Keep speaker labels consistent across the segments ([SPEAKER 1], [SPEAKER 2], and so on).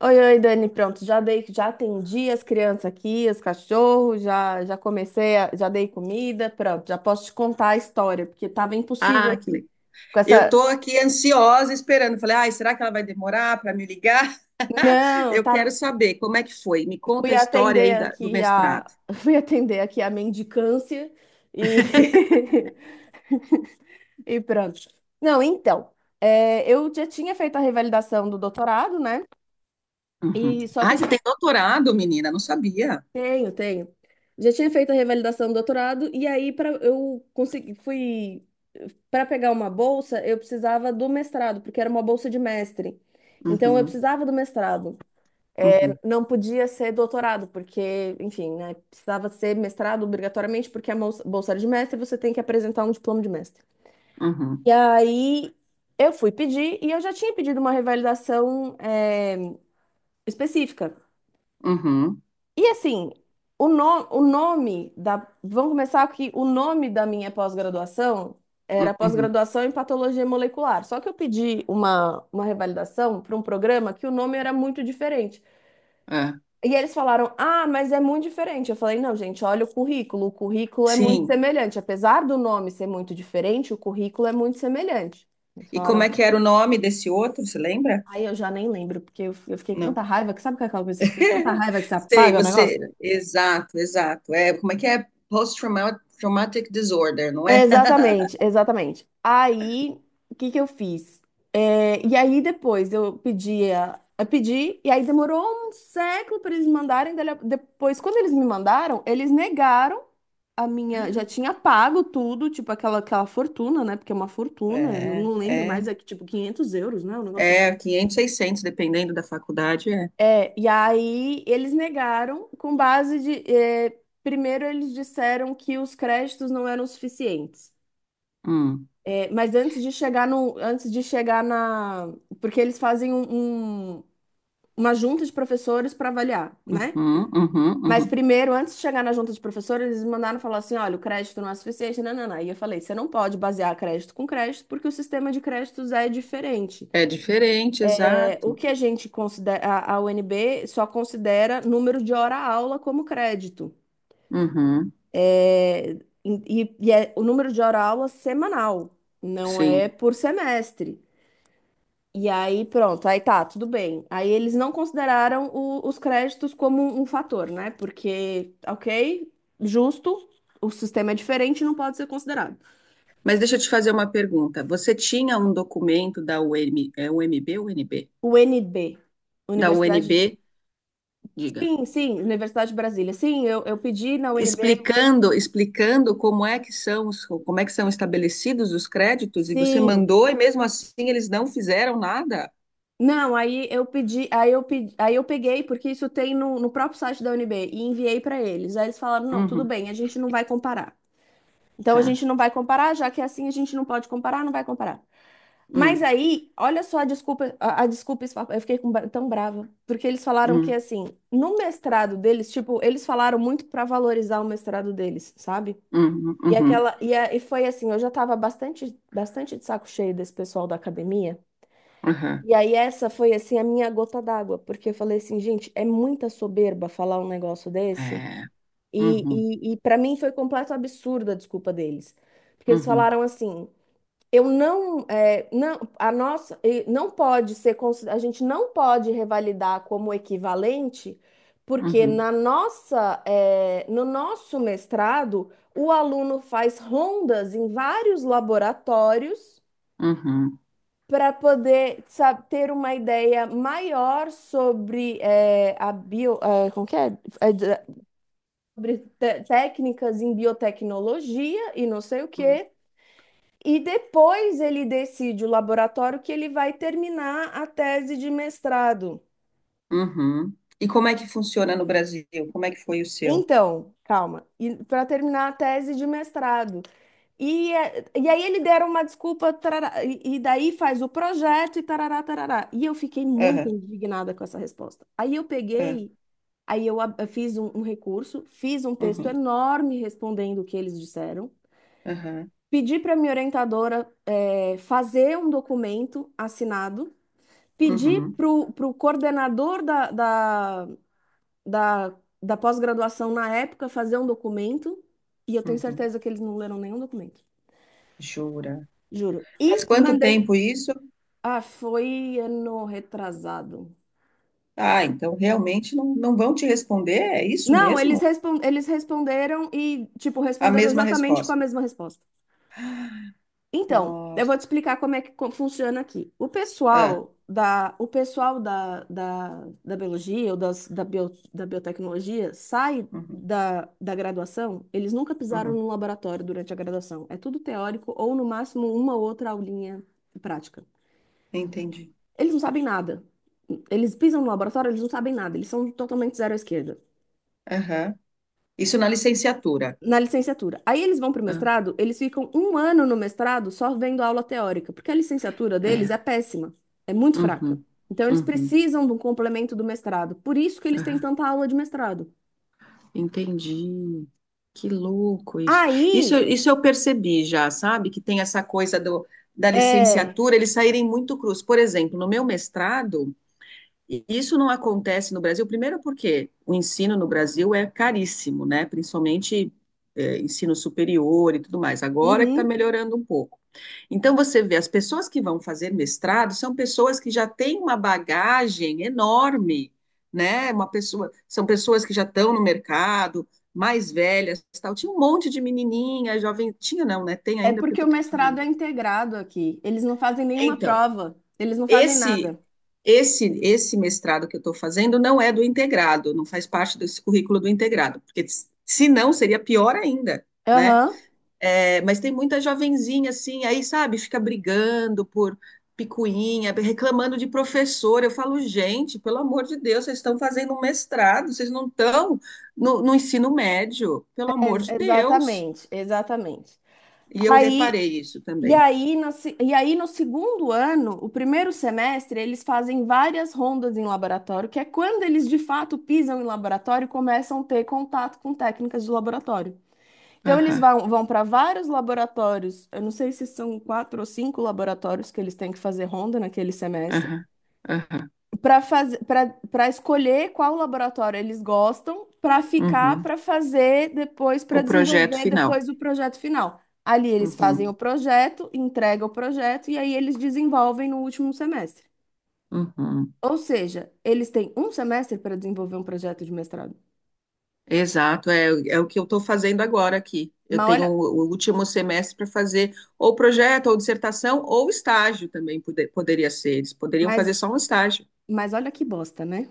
[SPEAKER 1] Oi, oi, Dani, pronto, já dei, já atendi as crianças aqui, os cachorros, já comecei, já dei comida, pronto, já posso te contar a história, porque tava impossível
[SPEAKER 2] Ah, que
[SPEAKER 1] aqui.
[SPEAKER 2] legal.
[SPEAKER 1] Com
[SPEAKER 2] Eu
[SPEAKER 1] essa,
[SPEAKER 2] tô aqui ansiosa esperando. Falei, ai, será que ela vai demorar para me ligar?
[SPEAKER 1] não,
[SPEAKER 2] Eu quero
[SPEAKER 1] tava,
[SPEAKER 2] saber como é que foi. Me conta
[SPEAKER 1] fui
[SPEAKER 2] a história
[SPEAKER 1] atender
[SPEAKER 2] aí do
[SPEAKER 1] aqui a,
[SPEAKER 2] mestrado.
[SPEAKER 1] fui atender aqui a mendicância e e pronto. Não, então, eu já tinha feito a revalidação do doutorado, né?
[SPEAKER 2] Uhum.
[SPEAKER 1] E só que
[SPEAKER 2] Ah,
[SPEAKER 1] eu
[SPEAKER 2] você tem
[SPEAKER 1] tinha
[SPEAKER 2] doutorado, menina? Não sabia.
[SPEAKER 1] Tenho, tenho. Já tinha feito a revalidação do doutorado e aí para eu conseguir fui para pegar uma bolsa, eu precisava do mestrado, porque era uma bolsa de mestre. Então eu
[SPEAKER 2] Uhum,
[SPEAKER 1] precisava do mestrado. É,
[SPEAKER 2] uhum,
[SPEAKER 1] não podia ser doutorado, porque, enfim, né, precisava ser mestrado obrigatoriamente, porque a bolsa era de mestre, você tem que apresentar um diploma de mestre.
[SPEAKER 2] uhum,
[SPEAKER 1] E aí eu fui pedir e eu já tinha pedido uma revalidação, específica.
[SPEAKER 2] uhum,
[SPEAKER 1] E assim, o, no- o nome da. Vamos começar aqui. O nome da minha pós-graduação era
[SPEAKER 2] uhum.
[SPEAKER 1] pós-graduação em patologia molecular. Só que eu pedi uma revalidação para um programa que o nome era muito diferente.
[SPEAKER 2] É.
[SPEAKER 1] E eles falaram: Ah, mas é muito diferente. Eu falei: Não, gente, olha o currículo. O currículo é muito
[SPEAKER 2] Sim.
[SPEAKER 1] semelhante. Apesar do nome ser muito diferente, o currículo é muito semelhante. Eles
[SPEAKER 2] E como
[SPEAKER 1] falaram:
[SPEAKER 2] é que era o nome desse outro? Você lembra?
[SPEAKER 1] Ai, eu já nem lembro, porque eu fiquei com tanta
[SPEAKER 2] Não.
[SPEAKER 1] raiva que sabe aquela coisa que você fica com tanta raiva que você
[SPEAKER 2] Sei,
[SPEAKER 1] apaga o negócio?
[SPEAKER 2] você. Exato, exato. É, como é que é? Post-traumatic disorder, não é?
[SPEAKER 1] Exatamente, exatamente. Aí, o que que eu fiz? E aí depois eu pedia, eu pedi, e aí demorou um século para eles me mandarem. Depois, quando eles me mandaram, eles negaram a minha, já tinha pago tudo, tipo aquela fortuna, né? Porque é uma fortuna, eu
[SPEAKER 2] É,
[SPEAKER 1] não lembro
[SPEAKER 2] é.
[SPEAKER 1] mais, é que tipo 500 euros, né? Um negócio assim.
[SPEAKER 2] É, 500, 600, dependendo da faculdade, é.
[SPEAKER 1] E aí eles negaram com base de, primeiro eles disseram que os créditos não eram suficientes.
[SPEAKER 2] Hum,
[SPEAKER 1] Mas antes de chegar no, antes de chegar na, porque eles fazem uma junta de professores para avaliar, né?
[SPEAKER 2] uhum, uhum,
[SPEAKER 1] Mas
[SPEAKER 2] uhum.
[SPEAKER 1] primeiro, antes de chegar na junta de professores, eles me mandaram falar assim, olha, o crédito não é suficiente, não, não, não. E eu falei, você não pode basear crédito com crédito, porque o sistema de créditos é diferente.
[SPEAKER 2] É diferente,
[SPEAKER 1] É, o
[SPEAKER 2] exato.
[SPEAKER 1] que a gente considera, a UNB só considera número de hora-aula como crédito.
[SPEAKER 2] Uhum,
[SPEAKER 1] É, E é o número de hora-aula semanal, não é
[SPEAKER 2] sim.
[SPEAKER 1] por semestre. E aí, pronto, aí tá, tudo bem. Aí eles não consideraram os créditos como um fator, né? Porque, ok, justo, o sistema é diferente, não pode ser considerado.
[SPEAKER 2] Mas deixa eu te fazer uma pergunta. Você tinha um documento da UM, é UMB ou UNB?
[SPEAKER 1] UNB,
[SPEAKER 2] Da
[SPEAKER 1] Universidade de...
[SPEAKER 2] UNB, diga,
[SPEAKER 1] Sim, sim, Universidade de Brasília. Sim, eu pedi na UNB.
[SPEAKER 2] explicando, explicando como é que são estabelecidos os créditos e você
[SPEAKER 1] Sim.
[SPEAKER 2] mandou e mesmo assim eles não fizeram nada?
[SPEAKER 1] Não, aí eu pedi, aí eu peguei, porque isso tem no próprio site da UNB, e enviei para eles. Aí eles falaram, não, tudo
[SPEAKER 2] Uhum,
[SPEAKER 1] bem, a gente não vai comparar. Então a
[SPEAKER 2] tá.
[SPEAKER 1] gente não vai comparar, já que é assim a gente não pode comparar, não vai comparar. Mas
[SPEAKER 2] Hum,
[SPEAKER 1] aí, olha só a desculpa, a desculpa, eu fiquei com tão brava, porque eles falaram que
[SPEAKER 2] hum,
[SPEAKER 1] assim, no mestrado deles, tipo, eles falaram muito para valorizar o mestrado deles, sabe?
[SPEAKER 2] uhum,
[SPEAKER 1] E
[SPEAKER 2] uhum,
[SPEAKER 1] aquela e foi assim, eu já tava bastante bastante de saco cheio desse pessoal da academia.
[SPEAKER 2] uhum.
[SPEAKER 1] E aí essa foi assim a minha gota d'água, porque eu falei assim, gente, é muita soberba falar um negócio desse.
[SPEAKER 2] É,
[SPEAKER 1] E,
[SPEAKER 2] uhum,
[SPEAKER 1] e, e para mim foi completo absurdo a desculpa deles. Porque eles
[SPEAKER 2] uhum.
[SPEAKER 1] falaram assim, eu não, é, não, a nossa, não pode ser, a gente não pode revalidar como equivalente, porque
[SPEAKER 2] Uhum,
[SPEAKER 1] na nossa, no nosso mestrado, o aluno faz rondas em vários laboratórios
[SPEAKER 2] uhum,
[SPEAKER 1] para poder ter uma ideia maior sobre a bio, como que é? Sobre técnicas em biotecnologia e não sei o quê. E depois ele decide o laboratório que ele vai terminar a tese de mestrado.
[SPEAKER 2] uhum. E como é que funciona no Brasil? Como é que foi o seu?
[SPEAKER 1] Então, calma, para terminar a tese de mestrado. E aí ele deram uma desculpa, tarará, e daí faz o projeto e tarará, tarará. E eu fiquei muito
[SPEAKER 2] Aham,
[SPEAKER 1] indignada com essa resposta. Aí eu
[SPEAKER 2] ah,
[SPEAKER 1] peguei, eu fiz um recurso, fiz um texto
[SPEAKER 2] uhum,
[SPEAKER 1] enorme respondendo o que eles disseram,
[SPEAKER 2] aham,
[SPEAKER 1] pedi para minha orientadora, fazer um documento assinado pedi
[SPEAKER 2] uhum,
[SPEAKER 1] para o coordenador da, da, da pós-graduação na época fazer um documento, e eu tenho
[SPEAKER 2] uhum.
[SPEAKER 1] certeza que eles não leram nenhum documento,
[SPEAKER 2] Jura?
[SPEAKER 1] juro.
[SPEAKER 2] Faz
[SPEAKER 1] E
[SPEAKER 2] quanto
[SPEAKER 1] mandei.
[SPEAKER 2] tempo isso?
[SPEAKER 1] Ah, foi ano retrasado.
[SPEAKER 2] Ah, então realmente não, não vão te responder? É isso
[SPEAKER 1] Não,
[SPEAKER 2] mesmo?
[SPEAKER 1] eles responderam e, tipo,
[SPEAKER 2] A
[SPEAKER 1] responderam
[SPEAKER 2] mesma
[SPEAKER 1] exatamente com a
[SPEAKER 2] resposta.
[SPEAKER 1] mesma resposta. Então, eu
[SPEAKER 2] Nossa.
[SPEAKER 1] vou te explicar como é que funciona aqui. O
[SPEAKER 2] Ah,
[SPEAKER 1] pessoal da, o pessoal da, da, da biologia ou da biotecnologia sai
[SPEAKER 2] uhum,
[SPEAKER 1] da graduação, eles nunca pisaram
[SPEAKER 2] uhum.
[SPEAKER 1] no laboratório durante a graduação. É tudo teórico ou, no máximo, uma ou outra aulinha prática.
[SPEAKER 2] Entendi.
[SPEAKER 1] Eles não sabem nada. Eles pisam no laboratório, eles não sabem nada. Eles são totalmente zero à esquerda.
[SPEAKER 2] Aham. Isso na licenciatura.
[SPEAKER 1] Na licenciatura. Aí eles vão para o
[SPEAKER 2] Ah,
[SPEAKER 1] mestrado, eles ficam um ano no mestrado só vendo aula teórica, porque a licenciatura
[SPEAKER 2] é.
[SPEAKER 1] deles é péssima, é muito fraca.
[SPEAKER 2] Uhum,
[SPEAKER 1] Então eles
[SPEAKER 2] uhum,
[SPEAKER 1] precisam de um complemento do mestrado, por isso que eles têm
[SPEAKER 2] aham.
[SPEAKER 1] tanta aula de mestrado.
[SPEAKER 2] Entendi. Que louco isso. Isso,
[SPEAKER 1] Aí
[SPEAKER 2] isso eu percebi já, sabe? Que tem essa coisa do, da
[SPEAKER 1] é,
[SPEAKER 2] licenciatura, eles saírem muito cruz. Por exemplo, no meu mestrado, e isso não acontece no Brasil, primeiro porque o ensino no Brasil é caríssimo, né? Principalmente ensino superior e tudo mais. Agora que está
[SPEAKER 1] uhum,
[SPEAKER 2] melhorando um pouco. Então você vê, as pessoas que vão fazer mestrado são pessoas que já têm uma bagagem enorme, né? Uma pessoa, são pessoas que já estão no mercado, mais velhas, tal. Tinha um monte de menininha, jovem, tinha não, né? Tem
[SPEAKER 1] é
[SPEAKER 2] ainda porque
[SPEAKER 1] porque o
[SPEAKER 2] eu estou
[SPEAKER 1] mestrado é
[SPEAKER 2] terminando.
[SPEAKER 1] integrado aqui, eles não fazem nenhuma
[SPEAKER 2] Então,
[SPEAKER 1] prova, eles não fazem
[SPEAKER 2] esse,
[SPEAKER 1] nada.
[SPEAKER 2] esse mestrado que eu estou fazendo não é do integrado, não faz parte desse currículo do integrado, porque se não seria pior ainda, né?
[SPEAKER 1] Aham,
[SPEAKER 2] É, mas tem muita jovenzinha assim, aí sabe, fica brigando por picuinha, reclamando de professor. Eu falo, gente, pelo amor de Deus, vocês estão fazendo um mestrado, vocês não estão no ensino médio, pelo amor
[SPEAKER 1] ex-
[SPEAKER 2] de Deus.
[SPEAKER 1] exatamente, exatamente.
[SPEAKER 2] E eu
[SPEAKER 1] Aí
[SPEAKER 2] reparei isso
[SPEAKER 1] E
[SPEAKER 2] também.
[SPEAKER 1] aí, na se- e aí, no segundo ano, o primeiro semestre, eles fazem várias rondas em laboratório, que é quando eles de fato pisam em laboratório e começam a ter contato com técnicas de laboratório. Então, eles
[SPEAKER 2] Aham,
[SPEAKER 1] vão para vários laboratórios, eu não sei se são quatro ou cinco laboratórios que eles têm que fazer ronda naquele semestre
[SPEAKER 2] aham, aham.
[SPEAKER 1] para fazer para escolher qual laboratório eles gostam para ficar
[SPEAKER 2] Uhum.
[SPEAKER 1] para fazer depois
[SPEAKER 2] O
[SPEAKER 1] para
[SPEAKER 2] projeto
[SPEAKER 1] desenvolver
[SPEAKER 2] final.
[SPEAKER 1] depois o projeto final. Ali eles fazem o
[SPEAKER 2] Uhum,
[SPEAKER 1] projeto, entregam o projeto e aí eles desenvolvem no último semestre.
[SPEAKER 2] uhum.
[SPEAKER 1] Ou seja, eles têm um semestre para desenvolver um projeto de mestrado.
[SPEAKER 2] Exato, é, é o que eu estou fazendo agora aqui. Eu
[SPEAKER 1] Mas
[SPEAKER 2] tenho
[SPEAKER 1] olha,
[SPEAKER 2] o último semestre para fazer ou projeto, ou dissertação, ou estágio também poderia ser. Eles poderiam fazer
[SPEAKER 1] mas,
[SPEAKER 2] só um estágio.
[SPEAKER 1] mas olha que bosta, né?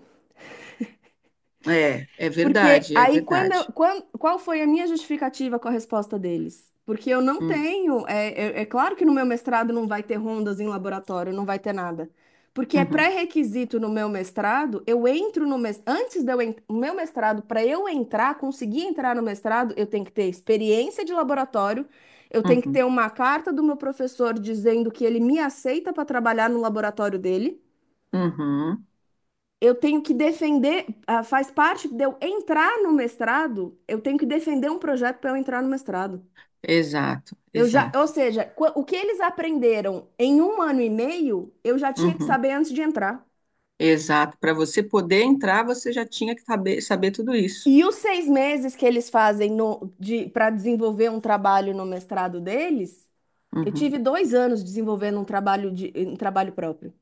[SPEAKER 2] É, é
[SPEAKER 1] Porque
[SPEAKER 2] verdade, é
[SPEAKER 1] aí,
[SPEAKER 2] verdade.
[SPEAKER 1] qual foi a minha justificativa com a resposta deles? Porque eu não
[SPEAKER 2] Hum,
[SPEAKER 1] tenho. É claro que no meu mestrado não vai ter rondas em laboratório, não vai ter nada. Porque é
[SPEAKER 2] uhum,
[SPEAKER 1] pré-requisito no meu mestrado, eu entro no mestrado. Antes de eu en- o meu mestrado, para eu entrar, conseguir entrar no mestrado, eu tenho que ter experiência de laboratório, eu tenho que ter
[SPEAKER 2] uhum,
[SPEAKER 1] uma carta do meu professor dizendo que ele me aceita para trabalhar no laboratório dele
[SPEAKER 2] uhum.
[SPEAKER 1] eu tenho que defender, faz parte de eu entrar no mestrado, eu tenho que defender um projeto para eu entrar no mestrado.
[SPEAKER 2] Exato,
[SPEAKER 1] Eu já, ou
[SPEAKER 2] exato.
[SPEAKER 1] seja, o que eles aprenderam em um ano e meio, eu já tinha que
[SPEAKER 2] Uhum,
[SPEAKER 1] saber antes de entrar.
[SPEAKER 2] exato. Para você poder entrar, você já tinha que saber, saber tudo isso.
[SPEAKER 1] E os 6 meses que eles fazem no, de, para desenvolver um trabalho no mestrado deles, eu
[SPEAKER 2] Uhum,
[SPEAKER 1] tive 2 anos desenvolvendo um trabalho próprio.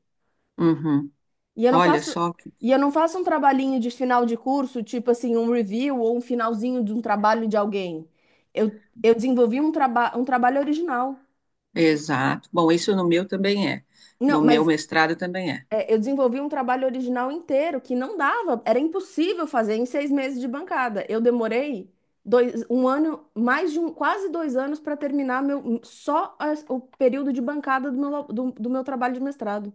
[SPEAKER 2] uhum.
[SPEAKER 1] E eu não
[SPEAKER 2] Olha
[SPEAKER 1] faço,
[SPEAKER 2] só que.
[SPEAKER 1] um trabalhinho de final de curso, tipo assim, um review ou um finalzinho de um trabalho de alguém. Eu desenvolvi um trabalho original.
[SPEAKER 2] Exato. Bom, isso no meu também é.
[SPEAKER 1] Não,
[SPEAKER 2] No meu
[SPEAKER 1] mas
[SPEAKER 2] mestrado também é.
[SPEAKER 1] eu desenvolvi um trabalho original inteiro que não dava, era impossível fazer em 6 meses de bancada. Eu demorei dois, um ano, mais de um, quase 2 anos para terminar meu, só o período de bancada do meu, do meu trabalho de mestrado.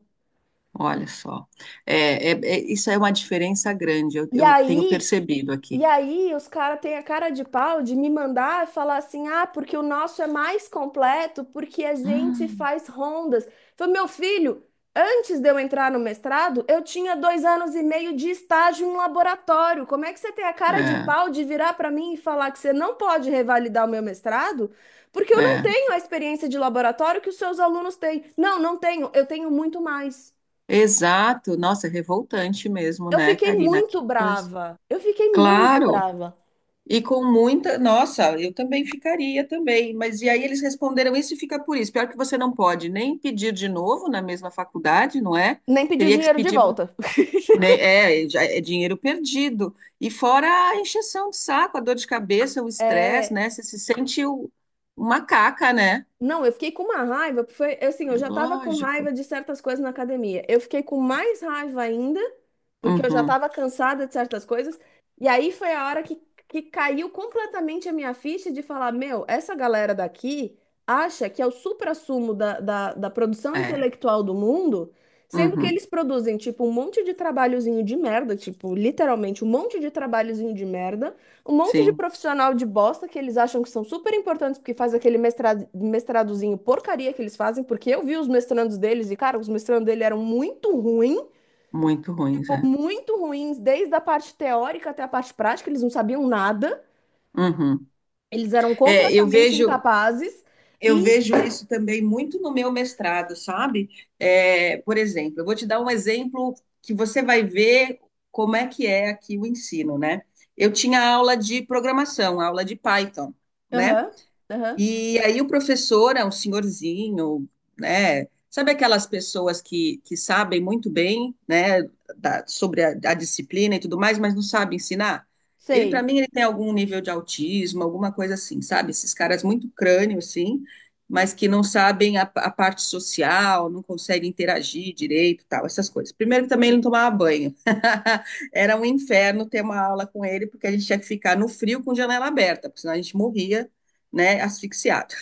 [SPEAKER 2] Olha só. É, isso é uma diferença grande,
[SPEAKER 1] E
[SPEAKER 2] eu tenho
[SPEAKER 1] aí,
[SPEAKER 2] percebido aqui.
[SPEAKER 1] E aí, os caras têm a cara de pau de me mandar falar assim, ah, porque o nosso é mais completo, porque a gente
[SPEAKER 2] Hum.
[SPEAKER 1] faz rondas. Falei, meu filho, antes de eu entrar no mestrado, eu tinha 2 anos e meio de estágio em laboratório. Como é que você tem a cara de
[SPEAKER 2] É,
[SPEAKER 1] pau de virar para mim e falar que você não pode revalidar o meu mestrado? Porque eu não
[SPEAKER 2] é.
[SPEAKER 1] tenho a experiência de laboratório que os seus alunos têm. Não, não tenho, eu tenho muito mais.
[SPEAKER 2] Exato. Nossa, é revoltante mesmo,
[SPEAKER 1] Eu
[SPEAKER 2] né,
[SPEAKER 1] fiquei
[SPEAKER 2] Karina? Que
[SPEAKER 1] muito
[SPEAKER 2] coisa.
[SPEAKER 1] brava. Eu fiquei muito
[SPEAKER 2] Claro.
[SPEAKER 1] brava.
[SPEAKER 2] E com muita. Nossa, eu também ficaria também. Mas e aí eles responderam isso e fica por isso. Pior que você não pode nem pedir de novo na mesma faculdade, não é?
[SPEAKER 1] Nem pedi o
[SPEAKER 2] Teria que
[SPEAKER 1] dinheiro de
[SPEAKER 2] pedir para
[SPEAKER 1] volta.
[SPEAKER 2] né, é, já é dinheiro perdido. E fora a encheção de saco, a dor de cabeça, o estresse,
[SPEAKER 1] É,
[SPEAKER 2] né? Você se sente uma caca, né?
[SPEAKER 1] não, eu fiquei com uma raiva, porque foi é assim, eu já tava com raiva
[SPEAKER 2] Lógico.
[SPEAKER 1] de certas coisas na academia. Eu fiquei com mais raiva ainda, porque eu já
[SPEAKER 2] Uhum,
[SPEAKER 1] tava cansada de certas coisas. E aí foi a hora que caiu completamente a minha ficha de falar, meu, essa galera daqui acha que é o suprassumo da, da produção
[SPEAKER 2] é.
[SPEAKER 1] intelectual do mundo, sendo que
[SPEAKER 2] Uhum,
[SPEAKER 1] eles produzem, tipo, um monte de trabalhozinho de merda, tipo, literalmente um monte de trabalhozinho de merda um monte de
[SPEAKER 2] sim,
[SPEAKER 1] profissional de bosta que eles acham que são super importantes porque faz aquele mestrado, mestradozinho porcaria que eles fazem, porque eu vi os mestrandos deles e, cara, os mestrandos dele eram muito ruins,
[SPEAKER 2] muito ruins,
[SPEAKER 1] tipo,
[SPEAKER 2] é.
[SPEAKER 1] muito ruins, desde a parte teórica até a parte prática, eles não sabiam nada,
[SPEAKER 2] Uhum.
[SPEAKER 1] eles eram
[SPEAKER 2] É,
[SPEAKER 1] completamente incapazes
[SPEAKER 2] eu
[SPEAKER 1] e.
[SPEAKER 2] vejo isso também muito no meu mestrado, sabe? É, por exemplo, eu vou te dar um exemplo que você vai ver como é que é aqui o ensino, né? Eu tinha aula de programação, aula de Python, né?
[SPEAKER 1] Aham, aham,
[SPEAKER 2] E aí o professor é um senhorzinho, né? Sabe aquelas pessoas que sabem muito bem, né, sobre a disciplina e tudo mais, mas não sabem ensinar? Ele, para
[SPEAKER 1] sei.
[SPEAKER 2] mim, ele tem algum nível de autismo, alguma coisa assim, sabe? Esses caras muito crânio, assim, mas que não sabem a parte social, não conseguem interagir direito, tal, essas coisas. Primeiro que também ele não
[SPEAKER 1] Sim.
[SPEAKER 2] tomava banho. Era um inferno ter uma aula com ele, porque a gente tinha que ficar no frio com janela aberta, porque senão a gente morria né, asfixiado,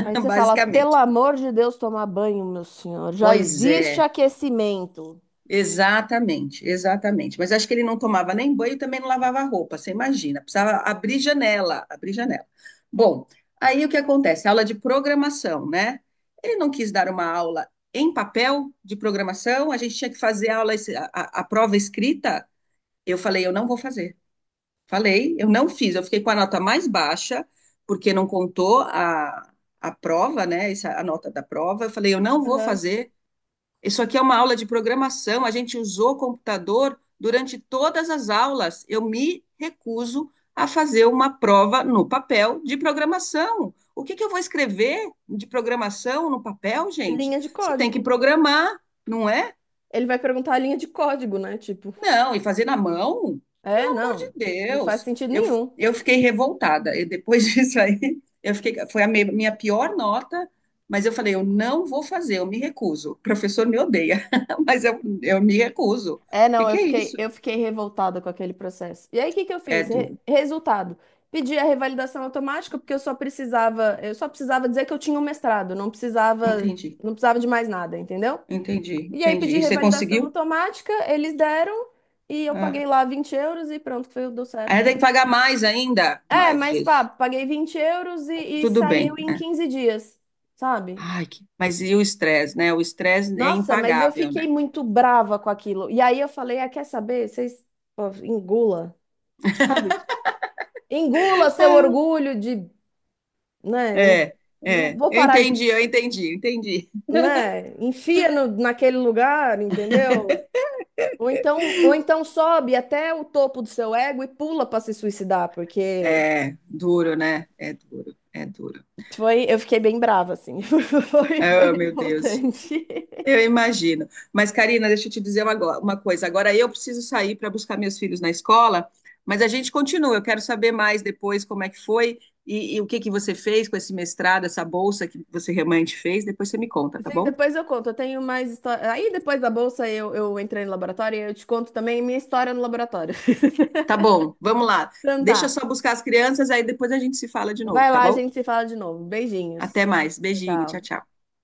[SPEAKER 1] Aí você fala, pelo
[SPEAKER 2] basicamente.
[SPEAKER 1] amor de Deus, tomar banho, meu senhor, já
[SPEAKER 2] Pois
[SPEAKER 1] existe
[SPEAKER 2] é,
[SPEAKER 1] aquecimento.
[SPEAKER 2] exatamente, exatamente. Mas acho que ele não tomava nem banho e também não lavava roupa, você imagina. Precisava abrir janela, abrir janela. Bom, aí o que acontece? Aula de programação, né? Ele não quis dar uma aula em papel de programação, a gente tinha que fazer a aula, a prova escrita. Eu falei, eu não vou fazer. Falei, eu não fiz, eu fiquei com a nota mais baixa, porque não contou a prova, né? Essa, a nota da prova. Eu falei, eu não vou
[SPEAKER 1] Aham.
[SPEAKER 2] fazer. Isso aqui é uma aula de programação, a gente usou computador durante todas as aulas. Eu me recuso a fazer uma prova no papel de programação. O que que eu vou escrever de programação no papel, gente?
[SPEAKER 1] Linha de
[SPEAKER 2] Você tem que
[SPEAKER 1] código.
[SPEAKER 2] programar, não é?
[SPEAKER 1] Ele vai perguntar a linha de código, né? Tipo,
[SPEAKER 2] Não, e fazer na mão? Pelo amor de
[SPEAKER 1] não, não faz
[SPEAKER 2] Deus.
[SPEAKER 1] sentido nenhum.
[SPEAKER 2] Eu fiquei revoltada. E depois disso aí, eu fiquei, foi a minha pior nota, mas eu falei, eu não vou fazer, eu me recuso. O professor me odeia, mas eu me recuso. O
[SPEAKER 1] É,
[SPEAKER 2] que
[SPEAKER 1] não, eu
[SPEAKER 2] que é
[SPEAKER 1] fiquei,
[SPEAKER 2] isso?
[SPEAKER 1] eu fiquei revoltada com aquele processo. E aí, o que que eu
[SPEAKER 2] É
[SPEAKER 1] fiz? Re-
[SPEAKER 2] duro.
[SPEAKER 1] resultado, pedi a revalidação automática porque eu só precisava dizer que eu tinha um mestrado, não precisava,
[SPEAKER 2] Entendi,
[SPEAKER 1] não precisava de mais nada, entendeu?
[SPEAKER 2] entendi,
[SPEAKER 1] E aí
[SPEAKER 2] entendi.
[SPEAKER 1] pedi
[SPEAKER 2] E você
[SPEAKER 1] revalidação
[SPEAKER 2] conseguiu?
[SPEAKER 1] automática, eles deram e eu
[SPEAKER 2] Ah.
[SPEAKER 1] paguei lá 20 euros e pronto, foi, deu
[SPEAKER 2] Aí
[SPEAKER 1] certo.
[SPEAKER 2] tem que pagar mais ainda?
[SPEAKER 1] É,
[SPEAKER 2] Mais
[SPEAKER 1] mas pá,
[SPEAKER 2] disso.
[SPEAKER 1] paguei 20 euros e
[SPEAKER 2] Tudo
[SPEAKER 1] saiu
[SPEAKER 2] bem.
[SPEAKER 1] em
[SPEAKER 2] É.
[SPEAKER 1] 15 dias, sabe?
[SPEAKER 2] Ai, que- mas e o estresse, né? O estresse é
[SPEAKER 1] Nossa, mas eu
[SPEAKER 2] impagável,
[SPEAKER 1] fiquei
[SPEAKER 2] né?
[SPEAKER 1] muito brava com aquilo. E aí eu falei, ah, quer saber? Vocês, pô, engula, sabe? Engula seu
[SPEAKER 2] Ah,
[SPEAKER 1] orgulho de, né? eu
[SPEAKER 2] é,
[SPEAKER 1] não-
[SPEAKER 2] é,
[SPEAKER 1] Vou
[SPEAKER 2] eu
[SPEAKER 1] parar,
[SPEAKER 2] entendi, eu entendi, eu entendi.
[SPEAKER 1] né? Enfia naquele lugar, entendeu? Ou então sobe até o topo do seu ego e pula para se suicidar, porque
[SPEAKER 2] É duro, né? É duro, é duro.
[SPEAKER 1] foi, eu fiquei bem brava, assim. Foi
[SPEAKER 2] Ah, meu Deus,
[SPEAKER 1] revoltante.
[SPEAKER 2] eu imagino. Mas, Karina, deixa eu te dizer uma, uma coisa. Agora eu preciso sair para buscar meus filhos na escola, mas a gente continua. Eu quero saber mais depois como é que foi e o que que você fez com esse mestrado, essa bolsa que você realmente fez. Depois você me conta, tá
[SPEAKER 1] Sim,
[SPEAKER 2] bom?
[SPEAKER 1] depois eu conto. Eu tenho mais história. Aí depois da bolsa eu entrei no laboratório e eu te conto também minha história no laboratório.
[SPEAKER 2] Tá bom, vamos lá.
[SPEAKER 1] Então
[SPEAKER 2] Deixa eu
[SPEAKER 1] tá.
[SPEAKER 2] só buscar as crianças, aí depois a gente se fala de novo,
[SPEAKER 1] Vai
[SPEAKER 2] tá
[SPEAKER 1] lá, a
[SPEAKER 2] bom?
[SPEAKER 1] gente se fala de novo. Beijinhos.
[SPEAKER 2] Até mais.
[SPEAKER 1] Tchau,
[SPEAKER 2] Beijinho, tchau,
[SPEAKER 1] tchau.
[SPEAKER 2] tchau.